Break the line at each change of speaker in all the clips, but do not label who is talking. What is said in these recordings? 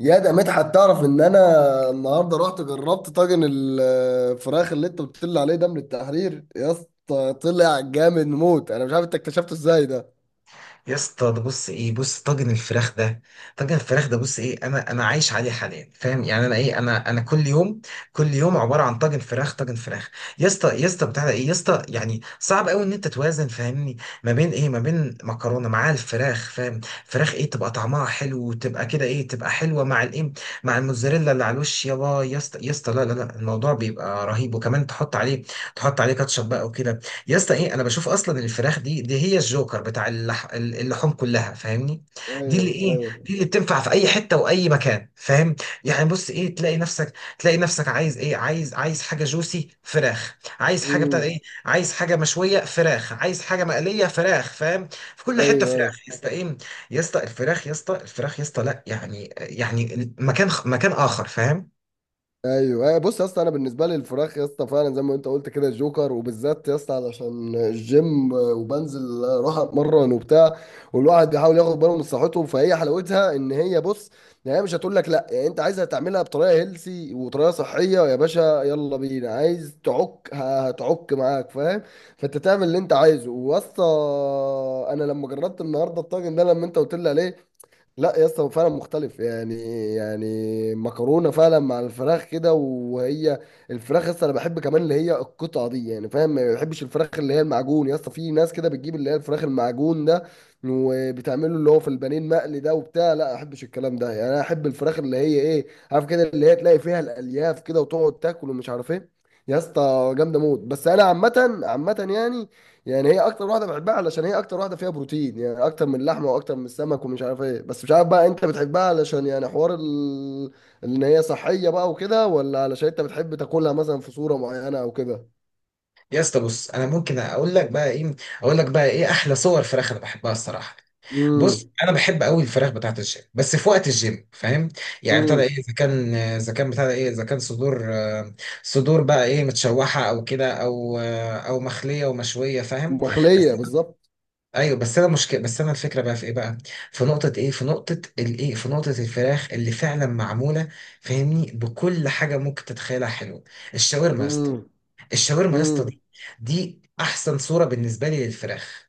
يا ده مدحت، تعرف ان انا النهارده رحت جربت طاجن الفراخ اللي انت بتقول لي عليه ده من التحرير؟ يا اسطى طلع جامد موت، انا مش عارف انت اكتشفته ازاي ده.
يا اسطى ده بص ايه بص طاجن الفراخ ده. طاجن الفراخ ده بص ايه، انا عايش عليه حاليا، فاهم؟ يعني انا ايه، انا كل يوم، كل يوم عباره عن طاجن فراخ، طاجن فراخ. يا اسطى بتاع ده ايه يا اسطى؟ يعني صعب قوي ان انت توازن، فاهمني؟ ما بين ايه، ما بين مكرونه مع الفراخ، فاهم؟ فراخ ايه، تبقى طعمها حلو وتبقى كده ايه، تبقى حلوه مع الايه، مع الموتزاريلا اللي على الوش. يابا يا اسطى لا لا لا، الموضوع بيبقى رهيب، وكمان تحط عليه كاتشب بقى وكده. يا اسطى ايه، انا بشوف اصلا الفراخ دي هي الجوكر بتاع اللحوم كلها، فاهمني؟ دي اللي
ايوه،
ايه،
ايوه.
دي اللي بتنفع في اي حته واي مكان، فاهم؟ يعني بص ايه، تلاقي نفسك عايز ايه، عايز حاجه جوسي فراخ، عايز حاجه بتاع
امم.
ايه، عايز حاجه مشويه فراخ، عايز حاجه مقليه فراخ، فاهم؟ في كل حته
ايوه، ايوه.
فراخ يا اسطى، ايه يا اسطى الفراخ يا اسطى، لا، يعني مكان مكان اخر، فاهم؟
ايوه، أيوة، بص يا اسطى، انا بالنسبه لي الفراخ يا اسطى فعلا زي ما انت قلت كده جوكر، وبالذات يا اسطى علشان الجيم وبنزل اروح اتمرن وبتاع، والواحد بيحاول ياخد باله من صحته. فهي حلاوتها ان هي بص، يعني هي مش هتقول لك لا، يعني انت عايزها تعملها بطريقه هيلسي وطريقه صحيه، يا باشا يلا بينا، عايز تعك هتعك معاك فاهم. فانت تعمل اللي انت عايزه واسطى. انا لما جربت النهارده الطاجن ده لما انت قلت لي عليه، لا يا اسطى هو فعلا مختلف يعني. يعني مكرونه فعلا مع الفراخ كده وهي الفراخ يا اسطى، انا بحب كمان اللي هي القطعه دي يعني فاهم، ما بحبش الفراخ اللي هي المعجون. يا اسطى في ناس كده بتجيب اللي هي الفراخ المعجون ده وبتعمله اللي هو في البانيه المقلي ده وبتاع، لا ما احبش الكلام ده. يعني انا احب الفراخ اللي هي ايه، عارف كده، اللي هي تلاقي فيها الالياف كده وتقعد تاكل ومش عارف ايه. يا اسطى جامده موت. بس انا عامه عامه يعني، يعني هي اكتر واحده بحبها علشان هي اكتر واحده فيها بروتين، يعني اكتر من اللحمه واكتر من السمك ومش عارف ايه. بس مش عارف بقى انت بتحبها علشان يعني حوار ال... ان هي صحيه بقى وكده، ولا علشان انت بتحب تاكلها مثلا في صوره معينه او كده؟
يا اسطى بص، انا ممكن اقول لك بقى ايه، اقول لك بقى ايه احلى صور فراخ انا بحبها الصراحه. بص
امم.
انا بحب قوي الفراخ بتاعت الجيم، بس في وقت الجيم، فاهم؟ يعني ابتدى ايه،
امم.
اذا كان، اذا كان بتاع ايه، اذا كان صدور، صدور بقى ايه، متشوحه او كده، او او مخليه ومشويه، فاهم؟
مخليه
بس.
بالظبط.
ايوه بس انا مشكله، بس انا الفكره بقى في ايه بقى، في نقطه ايه، في نقطه الايه، في نقطه الفراخ اللي فعلا معموله، فاهمني؟ بكل حاجه ممكن تتخيلها حلوه. الشاورما يا اسطى،
امم.
الشاورما يا اسطى
امم.
دي دي احسن صوره بالنسبه لي للفراخ،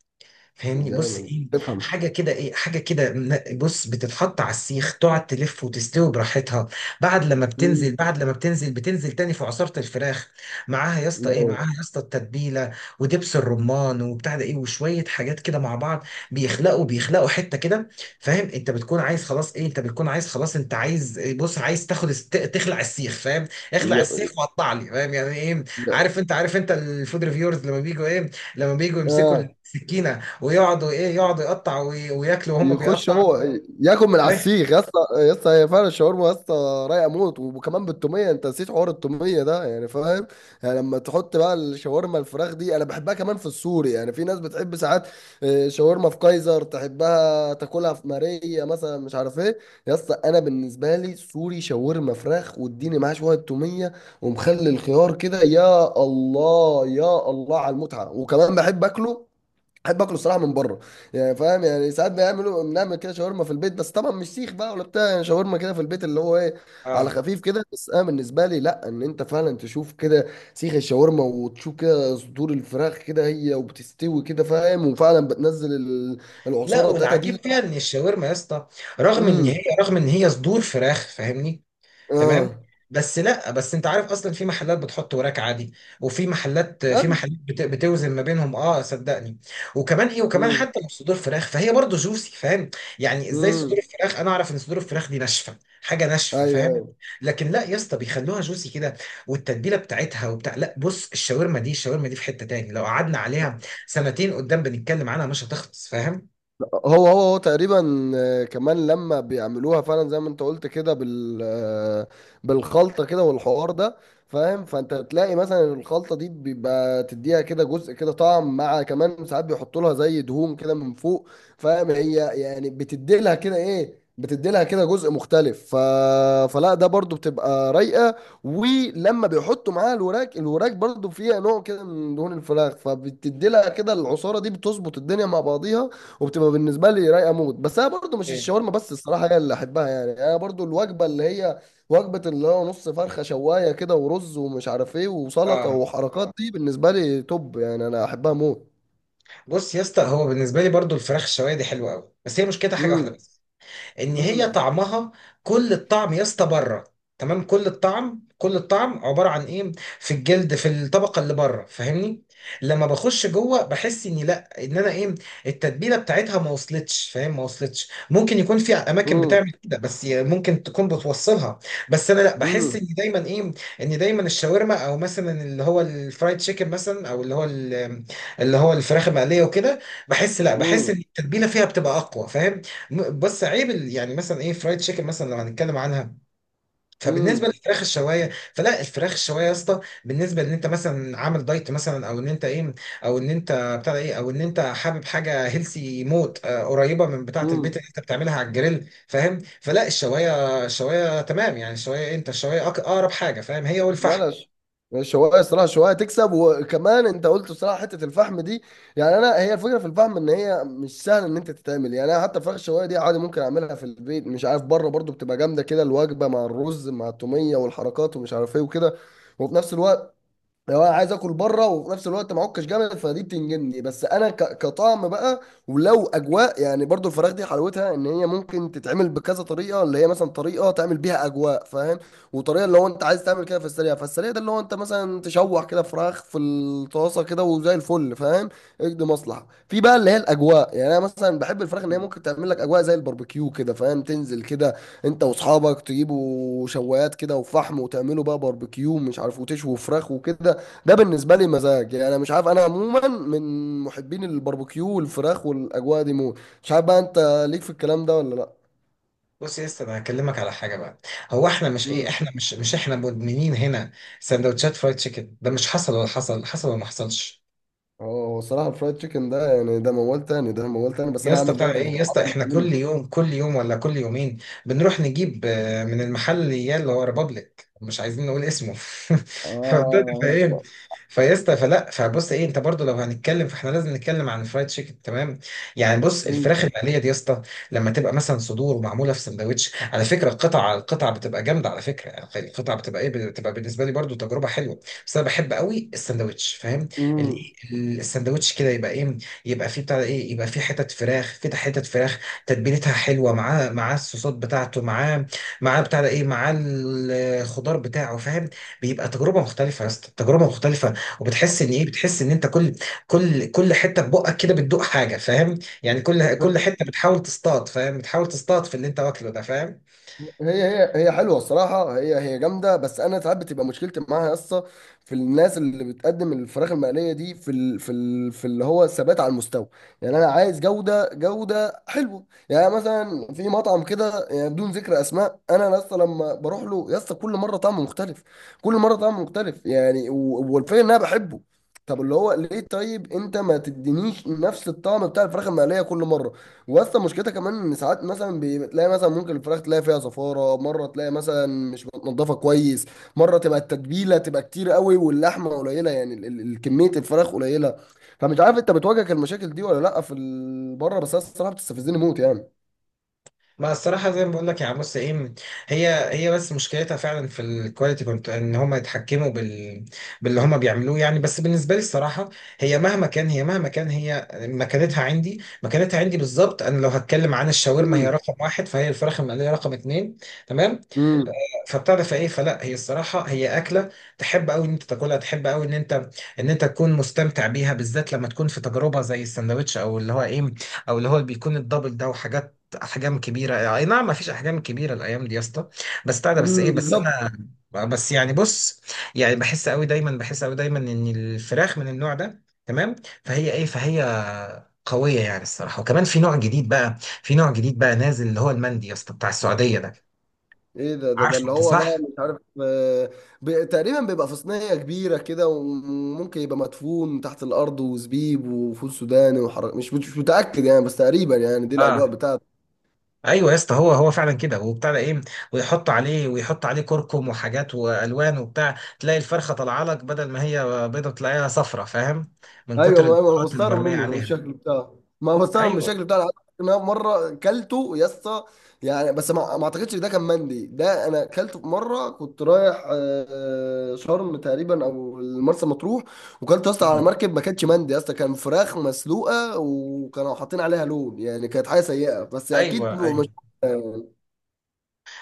فاهمني؟ بص
جامد
ايه،
تفهم.
حاجه كده ايه، حاجه كده بص بتتحط على السيخ، تقعد تلف وتستوي براحتها.
امم.
بعد لما بتنزل، بتنزل تاني في عصاره الفراخ، معاها يا اسطى ايه،
يعني.
معاها يا اسطى التتبيله، ودبس الرمان وبتاع ده ايه، وشويه حاجات كده مع بعض، بيخلقوا حته كده، فاهم؟ انت بتكون عايز خلاص ايه، انت بتكون عايز خلاص، انت عايز إيه، بص عايز تاخد تخلع السيخ، فاهم؟ اخلع السيخ
يعني-
وقطع لي، فاهم يعني ايه؟
يعني-
عارف انت، عارف انت الفود ريفيورز لما بيجوا ايه، لما بيجوا يمسكوا
اه.
السكينه، ويقعدوا ايه، يقعدوا يقطعوا وياكلوا وهم
يخش
بيقطعوا.
هو ياكل من على السيخ يا اسطى. يا اسطى هي فعلا الشاورما يا اسطى رايقه موت، وكمان بالتوميه، انت نسيت حوار التوميه ده يعني فاهم. يعني لما تحط بقى الشاورما الفراخ دي، انا بحبها كمان في السوري، يعني في ناس بتحب ساعات شاورما في كايزر، تحبها تاكلها في ماريا مثلا، مش عارف ايه. يا اسطى انا بالنسبه لي سوري شاورما فراخ واديني معاه شويه توميه ومخلي الخيار كده، يا الله يا الله على المتعه. وكمان بحب اكله، احب اكله الصراحه من بره يعني فاهم. يعني ساعات بيعملوا بنعمل كده شاورما في البيت، بس طبعا مش سيخ بقى ولا بتاع، يعني شاورما كده في البيت اللي هو ايه، على
اه.
خفيف كده. بس انا بالنسبه لي لا، ان انت فعلا تشوف كده سيخ الشاورما وتشوف كده صدور الفراخ كده هي وبتستوي كده فاهم، وفعلا بتنزل
لا
العصاره بتاعتها
والعجيب
دي.
فيها ان الشاورما يا اسطى،
امم.
رغم ان هي صدور فراخ، فاهمني؟ تمام.
اه.
بس لا، بس انت عارف اصلا في محلات بتحط وراك عادي، وفي محلات في
بجد.
محلات بتوزن ما بينهم، اه صدقني. وكمان ايه، وكمان
امم.
حتى لو صدور فراخ، فهي برضه جوسي، فاهم؟ يعني ازاي صدور
امم.
الفراخ؟ انا اعرف ان صدور الفراخ دي ناشفه، حاجه ناشفه،
ايوه،
فاهم؟
ايوه.
لكن لا يا اسطى، بيخلوها جوسي كده، والتتبيله بتاعتها وبتاع. لا بص، الشاورما دي في حته تاني، لو قعدنا عليها سنتين قدام بنتكلم عنها مش هتخلص، فاهم؟
هو تقريبا كمان لما بيعملوها فعلا زي ما انت قلت كده بال بالخلطه كده والحوار ده فاهم. فانت تلاقي مثلا الخلطه دي بيبقى تديها كده جزء كده طعم، مع كمان ساعات بيحطوا لها زي دهون كده من فوق فاهم، هي يعني بتدي لها كده ايه، بتدي لها كده جزء مختلف ف... فلا ده برضو بتبقى رايقه. ولما بيحطوا معاها الوراك، الوراك برضو فيها نوع كده من دهون الفراخ، فبتدي لها كده العصاره دي بتظبط الدنيا مع بعضيها، وبتبقى بالنسبه لي رايقه موت. بس انا برضو مش
إيه.
الشاورما بس الصراحه هي اللي احبها، يعني انا برضو الوجبه اللي هي وجبه اللي هو نص فرخه شوايه كده ورز ومش عارف ايه وسلطه
اه
وحركات، دي بالنسبه لي توب، يعني انا احبها موت.
بص يا اسطى، هو بالنسبه لي برضه الفراخ الشوايه دي حلوه قوي، بس هي مشكلتها حاجه واحده
امم.
بس، ان هي
امم.
طعمها، كل الطعم يا اسطى بره. تمام، كل الطعم، كل الطعم عباره عن ايه، في الجلد، في الطبقه اللي بره، فاهمني؟ لما بخش جوه بحس اني لا، ان انا ايه، التتبيله بتاعتها ما وصلتش، فاهم؟ ما وصلتش، ممكن يكون في اماكن
امم.
بتعمل كده، بس ممكن تكون بتوصلها. بس انا لا، بحس اني دايما ايه، ان دايما الشاورما، او مثلا اللي هو الفرايد تشيكن مثلا، او اللي هو ال- اللي هو الفراخ المقليه وكده، بحس لا، بحس ان
امم.
التتبيله فيها بتبقى اقوى، فاهم؟ يعني مثلا ايه، فرايد تشيكن مثلا لو هنتكلم عنها، فبالنسبه للفراخ الشوايه، فلا، الفراخ الشوايه يا اسطى، بالنسبه ان انت مثلا عامل دايت مثلا، او ان انت ايه، او ان انت بتاع ايه، او ان انت حابب حاجه هيلسي موت، قريبه من بتاعه
امم.
البيت اللي انت بتعملها على الجريل، فاهم؟ فلا الشوايه، الشوايه تمام يعني، الشوايه إيه؟ انت الشوايه اقرب حاجه، فاهم؟ هي
لا
والفحم.
لا ش- الشوايه الصراحه، الشوايه تكسب. وكمان انت قلت صراحه حته الفحم دي، يعني انا هي الفكره في الفحم ان هي مش سهله ان انت تتعمل. يعني انا حتى فراخ الشوايه دي عادي ممكن اعملها في البيت، مش عارف بره برضو بتبقى جامده كده الوجبه مع الرز مع التوميه والحركات ومش عارف ايه وكده. وفي نفس الوقت لو انا عايز اكل بره، وفي نفس الوقت معكش جامد، فدي بتنجني. بس انا كطعم بقى، ولو اجواء يعني برضو الفراخ دي حلاوتها ان هي ممكن تتعمل بكذا طريقه، اللي هي مثلا طريقه تعمل بيها اجواء فاهم، وطريقه اللي هو انت عايز تعمل كده في السريع. فالسريع ده اللي هو انت مثلا تشوح كده فراخ في الطاسه كده وزي الفل فاهم. اجد مصلحه في بقى اللي هي الاجواء، يعني انا مثلا بحب الفراخ ان هي ممكن تعمل لك اجواء زي الباربيكيو كده فاهم، تنزل كده انت واصحابك تجيبوا شوايات كده وفحم وتعملوا بقى باربيكيو مش عارف وتشوي فراخ وكده. ده بالنسبه لي مزاج يعني، انا مش عارف، انا عموما من محبين الباربيكيو والفراخ والاجواء دي موت. مش عارف بقى انت ليك في الكلام ده ولا لا.
بص يا اسطى، انا هكلمك على حاجه بقى. هو احنا مش ايه،
امم.
احنا مش مش احنا مدمنين هنا سندوتشات فرايد تشيكن؟ ده مش حصل؟ ولا حصل؟ حصل ولا ما حصلش؟
اه هو الصراحه الفرايد تشيكن ده يعني، ده موال تاني، ده موال تاني. بس
يا
انا
اسطى
عامل
بتاع
دايت في
ايه يا اسطى، احنا
الفطار.
كل يوم، كل يوم ولا كل يومين بنروح نجيب من المحل اللي اللي هو ريبابليك، مش عايزين نقول اسمه. فبدأت، فاهم؟
اه.
فيا اسطى فلا، فبص ايه، انت برضو لو هنتكلم، فاحنا لازم نتكلم عن الفرايد تشيكن. تمام. يعني بص، الفراخ العاديه دي يا اسطى، لما تبقى مثلا صدور ومعموله في سندوتش، على فكره القطع، على القطع بتبقى جامده على فكره، يعني القطع بتبقى ايه، بتبقى بالنسبه لي برضو تجربه حلوه. بس انا بحب قوي السندوتش، فاهم؟ ال-
امم.
السندوتش كده يبقى ايه، يبقى في بتاع ايه، يبقى في حتت فراخ كده، حتت فراخ تتبيلتها حلوه، معاه معاه الصوصات بتاعته، معاه معاه بتاع ده ايه، معاه الخضار بتاعه، فاهم؟ بيبقى تجربه مختلفه يا اسطى، تجربه مختلفه. وبتحس ان ايه، بتحس ان انت كل، كل حته في بقك كده بتدوق حاجه، فاهم؟ يعني كل، كل حته بتحاول تصطاد، فاهم؟ بتحاول تصطاد في اللي انت واكله ده، فاهم؟
هي حلوه الصراحه، هي هي جامده. بس انا ساعات بتبقى مشكلتي معاها يا اسطى في الناس اللي بتقدم الفراخ المقليه دي في ال في ال في اللي هو الثبات على المستوى. يعني انا عايز جوده، جوده حلوه، يعني مثلا في مطعم كده يعني بدون ذكر اسماء، انا يا اسطى لما بروح له يا اسطى كل مره طعمه مختلف، كل مره طعمه مختلف يعني، والفكره ان انا بحبه. طب اللي هو ليه طيب انت ما تدينيش نفس الطعم بتاع الفراخ المقليه كل مره؟ واصلا مشكلتها كمان ان ساعات مثلا بتلاقي، مثلا ممكن الفراخ تلاقي فيها زفاره، مره تلاقي مثلا مش متنضفه كويس، مره تبقى التتبيله تبقى كتير قوي واللحمه قليله، يعني كميه الفراخ قليله. فمش عارف انت بتواجهك المشاكل دي ولا لا في بره؟ بس أنا الصراحه بتستفزني موت يعني.
ما الصراحة زي ما بقول لك يا عموس ايه، هي بس مشكلتها فعلا في الكواليتي، كنت ان هم يتحكموا بال، باللي هم بيعملوه يعني. بس بالنسبة لي الصراحة، هي مهما كان، هي مكانتها عندي، مكانتها عندي بالظبط، انا لو هتكلم عن الشاورما هي
مم.
رقم واحد، فهي الفراخ المقلية رقم اتنين. تمام.
امم.
فبتعرف ايه، فلا هي الصراحه هي اكله تحب قوي ان انت تاكلها، تحب قوي ان انت، ان انت تكون مستمتع بيها، بالذات لما تكون في تجربه زي الساندوتش، او اللي هو ايه، او اللي هو بيكون الدبل ده، وحاجات احجام كبيره، اي نعم ما فيش احجام كبيره الايام دي يا اسطى. بس بتاع ده، بس ايه،
مم،
بس
بالظبط.
انا، آه، بس يعني بص، يعني بحس قوي دايما ان الفراخ من النوع ده، تمام؟ فهي ايه، فهي قويه يعني الصراحه. وكمان في نوع جديد بقى، نازل، اللي هو المندي يا اسطى، بتاع السعوديه ده،
ايه ده؟ ده
عارفه
اللي
انت،
هو بقى
صح؟
مش عارف تقريبا بيبقى في صينية كبيرة كده، وممكن يبقى مدفون تحت الأرض وزبيب وفول سوداني وحرق، مش متأكد يعني، بس تقريبا يعني دي الأجواء
اه
بتاعته.
ايوه يا اسطى، هو فعلا كده، وبتاع ده ايه، ويحط عليه كركم وحاجات والوان وبتاع، تلاقي الفرخه طالعه لك، بدل ما هي بيضه تلاقيها صفرة، فاهم؟ من
ايوه
كتر
ما
البهارات اللي
بستغرب
مرميه
منه من
عليها.
الشكل بتاعه، ما بستغرب من
ايوه.
الشكل بتاعه. أنا عايز أقول لك إن انا مره كلته يا اسطى. يعني بس ما اعتقدش ده كان مندي، ده انا كلته في مره كنت رايح شرم تقريبا او مرسى مطروح، وكلت يا اسطى على
مم.
مركب، ما كانتش مندي يا اسطى، كان فراخ مسلوقه وكانوا حاطين عليها لون، يعني كانت حاجه سيئه، بس اكيد
ايوه ايوه.
مش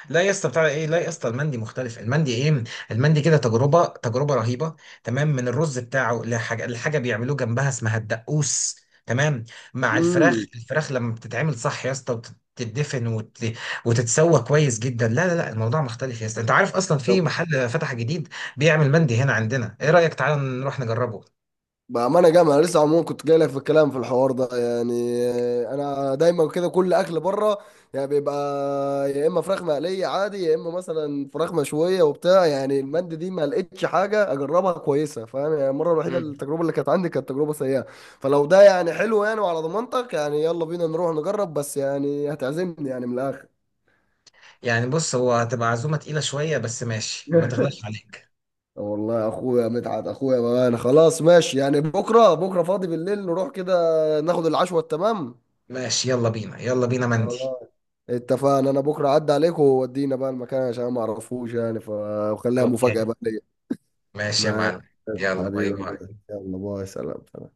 لا يا اسطى بتاع ايه، لا يا اسطى، المندي مختلف، المندي ايه، المندي كده تجربه، تجربه رهيبه. تمام. من الرز بتاعه، لحاجه بيعملوه جنبها اسمها الدقوس. تمام. مع الفراخ،
امم.
الفراخ لما بتتعمل صح يا اسطى، وتتدفن وتتسوى كويس جدا، لا لا لا، الموضوع مختلف يا اسطى. انت عارف اصلا في محل فتح جديد بيعمل مندي هنا عندنا؟ ايه رايك تعالى نروح نجربه؟
بأمانة جامعة أنا لسه عموما كنت جاي لك في الكلام في الحوار ده، يعني أنا دايما كده كل أكل بره يعني بيبقى يا إما فراخ مقلية عادي، يا إما مثلا فراخ مشوية وبتاع. يعني المند دي ما لقيتش حاجة أجربها كويسة فاهم، يعني المرة الوحيدة
مم.
التجربة اللي كانت عندي كانت تجربة سيئة. فلو ده يعني حلو يعني وعلى ضمانتك يعني يلا بينا نروح نجرب، بس يعني هتعزمني يعني من الآخر.
يعني بص، هو هتبقى عزومه تقيله شويه، بس ماشي، ما تغلاش عليك.
والله يا اخويا مدحت اخويا بقى، انا خلاص ماشي يعني، بكره فاضي بالليل، نروح كده ناخد العشوه التمام.
ماشي، يلا بينا، يلا بينا مندي.
خلاص اتفقنا، انا بكره عدى عليك وودينا بقى المكان عشان ما اعرفوش يعني وخليها
يلا.
مفاجأة بقى ليا.
ماشي يا
ماشي
معلم. يلا، باي
حبيبي،
باي.
يلا باي، سلام.